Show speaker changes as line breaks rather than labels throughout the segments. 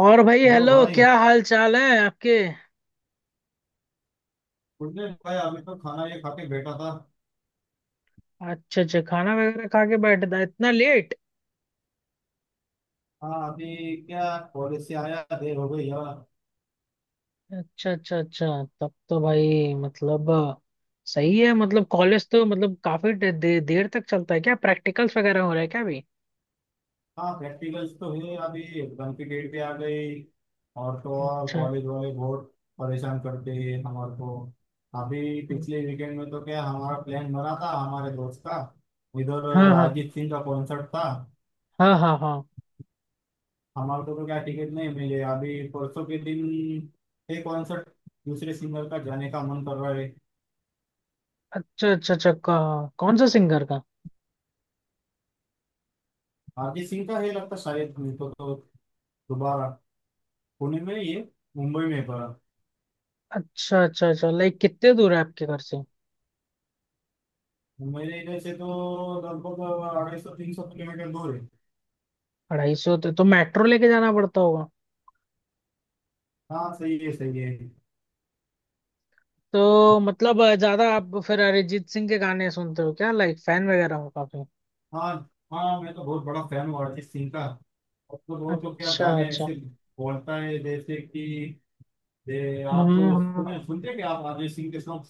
और भाई
hello
hello,
भाई।
क्या हाल चाल है आपके?
कुछ दिन भाई, अभी तो खाना ये खा के बैठा था।
अच्छा अच्छा, खाना वगैरह खा के बैठ था इतना लेट।
हाँ अभी क्या, कॉलेज से आया, देर हो गई यार।
अच्छा अच्छा अच्छा। तब तो भाई मतलब। सही है, मतलब कॉलेज तो मतलब काफी दे, दे, देर तक चलता है क्या? प्रैक्टिकल्स वगैरह हो रहे हैं क्या अभी?
हाँ प्रैक्टिकल्स तो है अभी, एग्जाम की डेट पे आ गई। और तो और
अच्छा।
कॉलेज वाले बहुत परेशान करते हैं हमारे को। अभी पिछले वीकेंड में तो क्या हमारा प्लान बना था, हमारे दोस्त का, इधर
हाँ हाँ
अरिजीत सिंह का कॉन्सर्ट था।
हाँ हाँ हाँ।
हमारे को तो क्या टिकट नहीं मिले, अभी परसों के दिन ये कॉन्सर्ट दूसरे सिंगर का जाने का मन कर रहा है।
अच्छा अच्छा अच्छा, कौन सा सिंगर का?
आरके सिंह का है लगता, शायद नहीं तो दोबारा पुणे में ये, मुंबई में पड़ा।
अच्छा अच्छा अच्छा, लाइक कितने दूर है आपके घर से?
मुंबई में इधर से तो लगभग 250-300 किलोमीटर दूर है।
250, तो मेट्रो लेके जाना पड़ता होगा।
हाँ सही है, सही है।
तो मतलब ज्यादा आप फिर अरिजीत सिंह के गाने सुनते हो क्या? लाइक फैन वगैरह हो काफी?
हाँ, हाँ मैं तो बहुत बड़ा फैन हूँ अरिजीत सिंह का। अब तो बहुत तो क्या
अच्छा
गाने
अच्छा।
ऐसे बोलता है, जैसे कि आप
हम्म,
तो
हाँ।
सुने, सुनते क्या आप अरिजीत सिंह के सॉन्ग।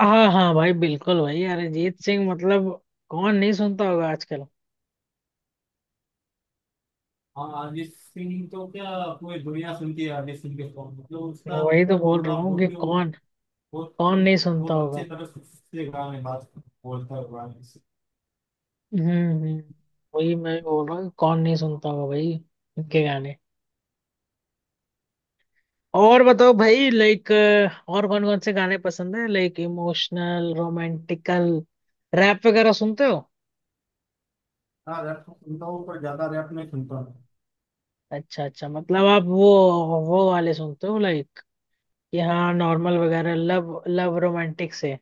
हाँ हाँ भाई, बिल्कुल भाई, अरिजीत सिंह मतलब। कौन नहीं सुनता होगा आजकल।
हाँ अरिजीत सिंह तो क्या पूरी दुनिया सुनती है अरिजीत सिंह के सॉन्ग, मतलब उसका
वही तो बोल रहा
पूरा
हूँ कि
मोटिव,
कौन। कौन नहीं
वो
सुनता
अच्छी
होगा।
तरह से गाने बात बोलता हुआ है गाने से।
हम्म, हम्म। वही मैं भी बोल रहा हूँ कि कौन नहीं सुनता होगा भाई। इनके गाने। और बताओ भाई, लाइक। और कौन कौन से गाने पसंद है? लाइक इमोशनल, रोमांटिकल, रैप वगैरह सुनते हो?
हाँ रैप तो सुनता हूँ पर ज्यादा रैप नहीं सुनता हूँ।
अच्छा अच्छा, मतलब आप वो वाले सुनते हो लाइक, कि हाँ नॉर्मल वगैरह, लव लव रोमांटिक से।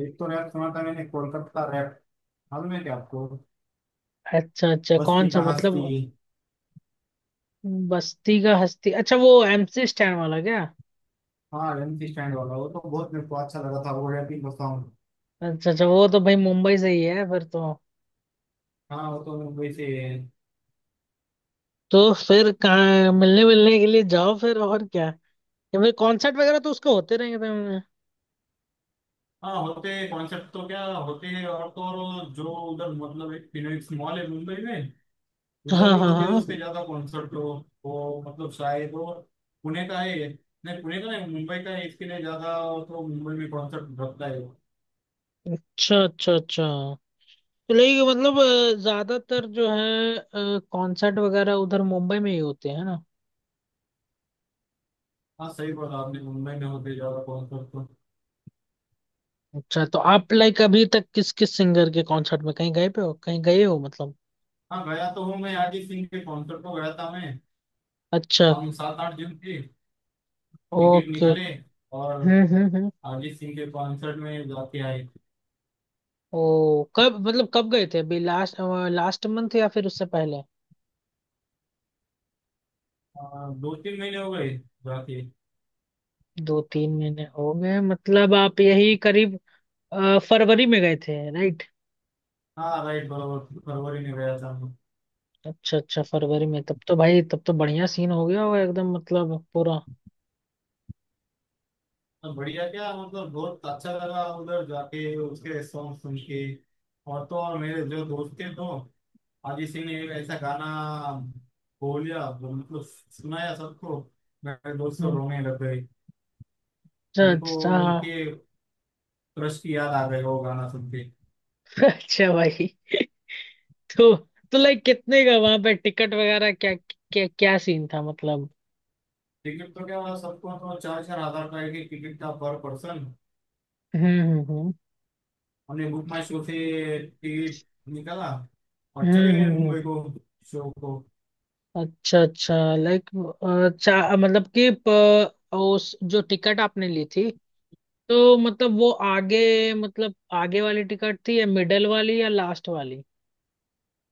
एक तो रैप सुना था मैंने, कोलकाता रैप, मालूम है क्या आपको,
अच्छा अच्छा, कौन
बस्ती
सा
का
मतलब?
हस्ती।
बस्ती का हस्ती? अच्छा, वो एमसी स्टैंड वाला क्या?
हाँ एमसी स्टैंड वाला, वो तो बहुत मेरे को अच्छा लगा था वो रैपिंग का सॉन्ग।
अच्छा अच्छा, वो तो भाई मुंबई से ही है फिर तो।
हाँ वो तो मुंबई से।
तो फिर कहाँ मिलने मिलने के लिए जाओ फिर, और क्या? या फिर कॉन्सर्ट वगैरह तो उसके होते रहेंगे तो।
हाँ होते कॉन्सेप्ट तो क्या होते हैं, और तो और जो उधर मतलब एक फिनोलेक्स मॉल है मुंबई में, उधर
हाँ
भी
हाँ
होते हैं उसके
हाँ।
ज्यादा कॉन्सर्ट हो। वो मतलब शायद वो पुणे का है, नहीं पुणे का नहीं, मुंबई का है इसके लिए ज्यादा, तो मुंबई में कॉन्सर्ट रखता है वो।
अच्छा अच्छा अच्छा। तो लेकिन मतलब, ज्यादातर जो है कॉन्सर्ट वगैरह उधर मुंबई में ही होते हैं ना?
हाँ सही बोला आपने, मुंबई में होते ज्यादा कॉन्सर्ट तो।
अच्छा, तो आप लाइक अभी तक किस किस सिंगर के कॉन्सर्ट में कहीं गए पे हो, कहीं गए हो मतलब?
हाँ गया तो हूँ मैं, अरिजीत सिंह के कॉन्सर्ट को गया था मैं।
अच्छा।
हम सात आठ जन थे, टिकट
ओके।
निकाले और
हम्म, हम्म, हम्म।
अरिजीत सिंह के कॉन्सर्ट में जाके आए।
ओ, कब मतलब कब गए थे अभी लास्ट लास्ट मंथ या फिर उससे पहले?
2-3 महीने हो गए जाके।
2-3 महीने हो गए, मतलब आप यही करीब फरवरी में गए थे, राइट?
हाँ राइट, बराबर, फरवरी में गया था।
अच्छा अच्छा, फरवरी में? तब तो भाई, तब तो बढ़िया सीन हो गया होगा एकदम, मतलब पूरा।
अब बढ़िया क्या मतलब बहुत अच्छा लगा उधर जाके उसके सॉन्ग सुन के। और तो और मेरे जो दोस्त थे, तो अजीत सिंह ने एक ऐसा गाना बोलिया, मतलब सुनाया सबको, मेरे दोस्त तो
हम्म।
रोने लग गए।
अच्छा
उनको
अच्छा, हाँ।
उनके क्रश की याद आ गई वो गाना सुन के।
अच्छा भाई। तो। तो लाइक कितने का वहां पे टिकट वगैरह, क्या क्या क्या सीन था मतलब?
टिकट तो क्या हुआ, सबको तो 4-4 हज़ार का एक एक टिकट था पर पर्सन।
हम्म, हम्म, हम्म,
हमने बुक माई शो से टिकट निकाला और
हम्म,
चले गए
हम्म, हम्म।
मुंबई को, शो को।
अच्छा अच्छा, लाइक चा मतलब कि उस जो टिकट आपने ली थी, तो मतलब वो आगे, मतलब आगे वाली टिकट थी, या मिडल वाली, या लास्ट वाली?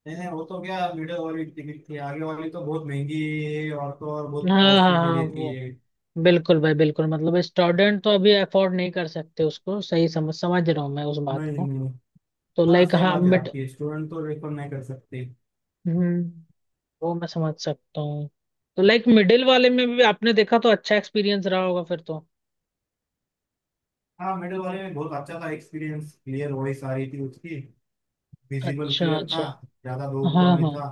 नहीं नहीं, वो तो क्या वीडियो वाली टिकट थी, आगे वाली तो बहुत महंगी है, और तो और बहुत
हाँ हाँ
कॉस्टली भी
हाँ,
लेती
वो,
है।
बिल्कुल भाई बिल्कुल, मतलब स्टूडेंट तो अभी अफोर्ड नहीं कर सकते उसको, सही समझ समझ रहा हूँ मैं उस बात
नहीं
को।
नहीं,
तो
हाँ ना
लाइक
सही
हाँ
बात है
मिड।
आपकी, स्टूडेंट तो रेफर नहीं कर सकते।
हम्म। वो मैं समझ सकता हूँ। तो लाइक मिडिल वाले में भी आपने देखा तो अच्छा एक्सपीरियंस रहा होगा फिर तो।
हाँ मिडिल वाले में बहुत अच्छा था एक्सपीरियंस, क्लियर वॉइस आ रही थी उसकी, विजिबल
अच्छा
क्लियर था,
अच्छा।
ज्यादा दूर
हाँ
तो नहीं
हाँ।
था,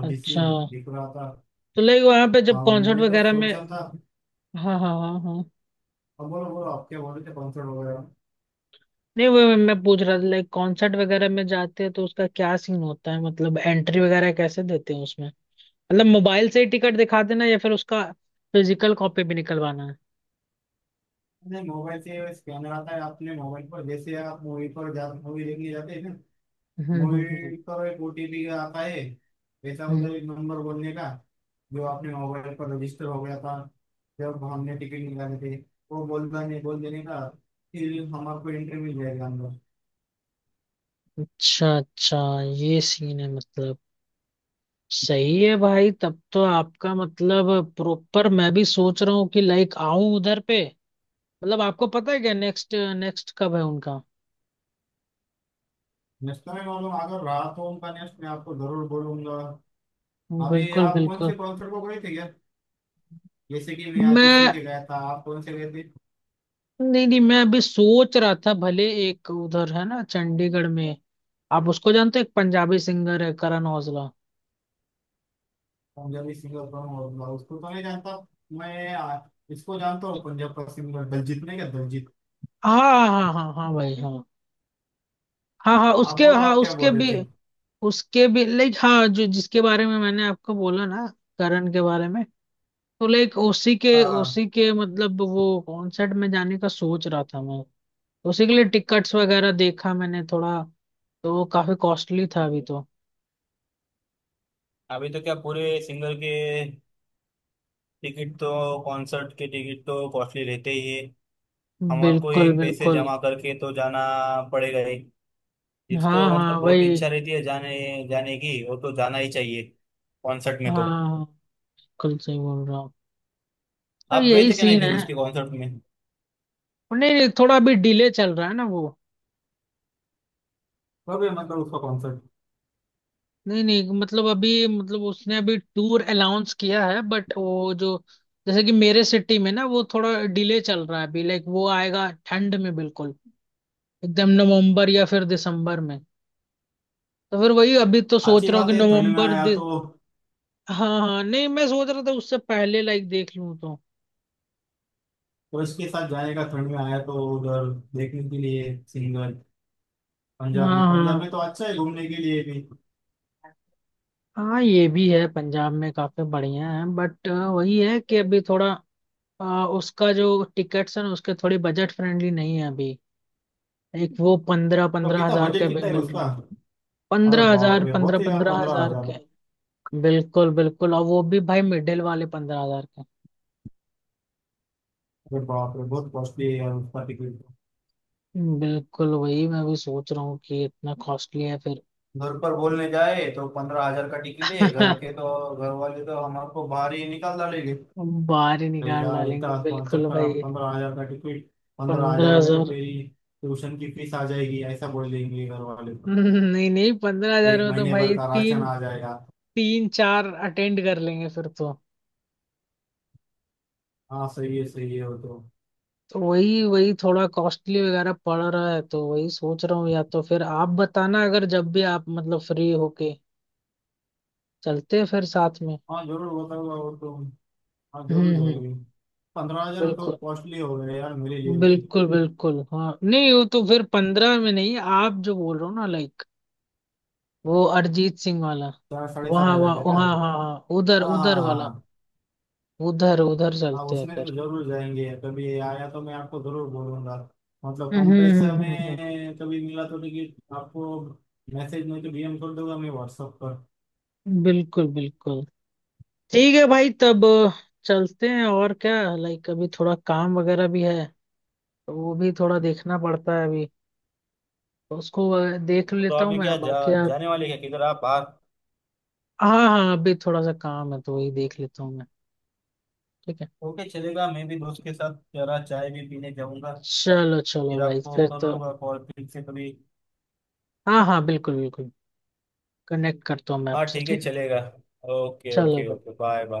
अभी
अच्छा।
सीन दिख रहा था।
तो लाइक वहां पे जब कॉन्सर्ट
हमने तो
वगैरह में,
सोचा था।
हाँ हाँ हाँ हाँ,
अब बोलो बोलो, आप क्या बोल रहे थे कॉन्सर्ट वगैरह।
नहीं वो मैं पूछ रहा था लाइक कॉन्सर्ट वगैरह में जाते हैं तो उसका क्या सीन होता है? मतलब एंट्री वगैरह कैसे देते हैं उसमें? मतलब मोबाइल से ही टिकट दिखा देना, या फिर उसका फिजिकल कॉपी भी निकलवाना है?
नहीं मोबाइल से स्कैनर आता है अपने मोबाइल पर, जैसे आप मूवी पर जा मूवी देखने जाते हैं ना,
हम्म, हम्म, हम्म,
मूवी पर एक ओटीपी आता है, ऐसा
हम्म।
उधर एक नंबर बोलने का, जो आपने मोबाइल पर रजिस्टर हो गया था जब हमने टिकट निकाले थे, वो बोलता नहीं, बोल देने का, फिर हमारे को एंट्री मिल जाएगा अंदर।
अच्छा अच्छा, ये सीन है मतलब। सही है भाई, तब तो आपका मतलब प्रॉपर, मैं भी सोच रहा हूँ कि लाइक आऊं उधर पे। मतलब आपको पता है क्या नेक्स्ट नेक्स्ट कब है उनका?
नेक्स्ट टाइम मालूम अगर रहा तो उनका नेक्स्ट मैं आपको जरूर बोलूंगा। अभी
बिल्कुल
आप कौन
बिल्कुल।
से कॉन्सर्ट को गए थे क्या? जैसे कि मैं अरिजीत
मैं।
सिंह के गया था, आप कौन से गए थे?
नहीं नहीं, मैं अभी सोच रहा था भले एक उधर है ना चंडीगढ़ में। आप उसको जानते हो? एक पंजाबी सिंगर है, करण औजला।
पंजाबी सिंगर कौन होगा, उसको तो नहीं जानता मैं। इसको जानता हूँ, पंजाब का सिंगर दलजीत, नहीं क्या दलजीत?
हाँ हाँ हाँ हाँ भाई, हाँ। हाँ हाँ
आप
उसके,
बोलो,
हाँ
आप क्या
उसके
बोल रहे
भी,
थे।
उसके भी लाइक हाँ, जो जिसके बारे में मैंने आपको बोला ना, करण के बारे में। तो लाइक उसी के,
हाँ हाँ,
उसी के मतलब, वो कॉन्सर्ट में जाने का सोच रहा था मैं। उसी के लिए टिकट्स वगैरह देखा मैंने थोड़ा। तो वो काफी कॉस्टली था अभी तो।
अभी तो क्या पूरे सिंगर के टिकट तो, कॉन्सर्ट के टिकट तो कॉस्टली रहते ही है, हमारे को ही
बिल्कुल
पैसे
बिल्कुल।
जमा करके तो जाना पड़ेगा ही।
हाँ
जिसको
हाँ
मतलब बहुत
वही।
इच्छा रहती है जाने, जाने की, वो तो जाना ही चाहिए कॉन्सर्ट में तो।
हाँ। कल सही बोल रहा हूँ। अब
आप गए
यही
थे क्या नहीं
सीन
फिर
है।
उसके कॉन्सर्ट में,
नहीं नहीं, थोड़ा अभी डिले चल रहा है ना वो।
और भी मतलब उसका कॉन्सर्ट।
नहीं नहीं, मतलब अभी, मतलब उसने अभी टूर अनाउंस किया है, बट वो जो, जैसे कि मेरे सिटी में ना, वो थोड़ा डिले चल रहा है अभी, लाइक वो आएगा ठंड में, बिल्कुल एकदम नवंबर या फिर दिसंबर में। तो फिर वही अभी तो
अच्छी
सोच रहा हूँ कि
बात है ठंड में
नवंबर
आया तो,
हाँ हाँ, नहीं मैं सोच रहा था उससे पहले लाइक देख लूँ तो।
और इसके साथ जाने का, ठंड में आया तो उधर देखने के लिए सिंगर। पंजाब में,
हाँ
पंजाब में
हाँ
तो अच्छा है घूमने के लिए भी।
हाँ, ये भी है, पंजाब में काफी बढ़िया है, बट वही है कि अभी थोड़ा उसका जो टिकट्स है ना उसके, थोड़ी बजट फ्रेंडली नहीं है अभी। एक वो पंद्रह
तो
पंद्रह
कितना
हजार के
बजट,
भी
कितना है
मिल रहे।
उसका? अरे
पंद्रह
बाप
हजार,
रे,
पंद्रह
बहुत है यार
पंद्रह
पंद्रह
हजार के।
हजार
बिल्कुल बिल्कुल, और वो भी भाई मिडिल वाले 15,000 के।
अरे बाप रे, बहुत कॉस्टली है यार उसका टिकट तो।
बिल्कुल, वही मैं भी सोच रहा हूँ कि इतना कॉस्टली है फिर।
घर पर बोलने जाए तो 15 हज़ार का टिकट है घर के तो, घर वाले तो हमारे को बाहर ही निकाल डालेंगे।
बाहर ही
अरे
निकाल
यार
डालेंगे
इतना कॉन्सर्ट
बिल्कुल
का,
भाई।
15 हज़ार का टिकट, 15 हज़ार
पंद्रह
में तो
हजार
तेरी ट्यूशन की फीस आ जाएगी ऐसा बोल देंगे घर वाले तो,
नहीं नहीं, 15,000
एक
में तो
महीने भर
भाई
का राशन
तीन
आ जाएगा।
तीन चार अटेंड कर लेंगे फिर तो।
हाँ सही है, सही है वो तो।
तो वही वही थोड़ा कॉस्टली वगैरह पड़ रहा है, तो वही सोच रहा हूँ, या तो फिर आप बताना, अगर जब भी आप मतलब फ्री होके चलते हैं फिर साथ में।
हाँ जरूर बताऊंगा वो तो, हाँ
हम्म,
जरूर
हम्म।
जाएगी। पंद्रह हजार तो
बिल्कुल।
कॉस्टली हो गए यार मेरे लिए भी।
बिल्कुल बिल्कुल हाँ, नहीं वो तो फिर पंद्रह में नहीं, आप जो बोल रहे हो ना लाइक, वो अरिजीत सिंह वाला।
चार साढ़े चार
वहाँ
हजार
वहाँ
का क्या?
वहाँ हाँ हाँ, उधर
हाँ हाँ
उधर
हाँ,
वाला।
हाँ।
उधर उधर
हाँ
चलते हैं
उसमें तो
फिर।
जरूर जाएंगे, कभी आया तो मैं आपको जरूर बोलूंगा, मतलब
हम्म,
कम
हम्म,
पैसा में कभी मिला तो टिकट आपको, मैसेज में तो डीएम कर दूंगा मैं व्हाट्सएप पर।
बिल्कुल बिल्कुल। ठीक है भाई, तब चलते हैं और क्या, लाइक अभी थोड़ा काम वगैरह भी है तो वो भी थोड़ा देखना पड़ता है अभी। तो उसको देख
तो
लेता हूँ
अभी
मैं,
क्या
बाकी आप।
जाने वाले क्या, किधर आप, बाहर?
हाँ हाँ, अभी थोड़ा सा काम है तो वही देख लेता हूँ मैं। ठीक है।
ओके चलेगा, मैं भी दोस्त के साथ जरा चाय भी पीने जाऊंगा,
चलो चलो
फिर
भाई
आपको
फिर
कर
तो।
लूंगा कॉल फिर से कभी।
हाँ हाँ बिल्कुल बिल्कुल। कनेक्ट करता हूँ मैं
हाँ
आपसे,
ठीक है
ठीक है।
चलेगा। ओके
चलो
ओके
भाई।
Okay, bye bye.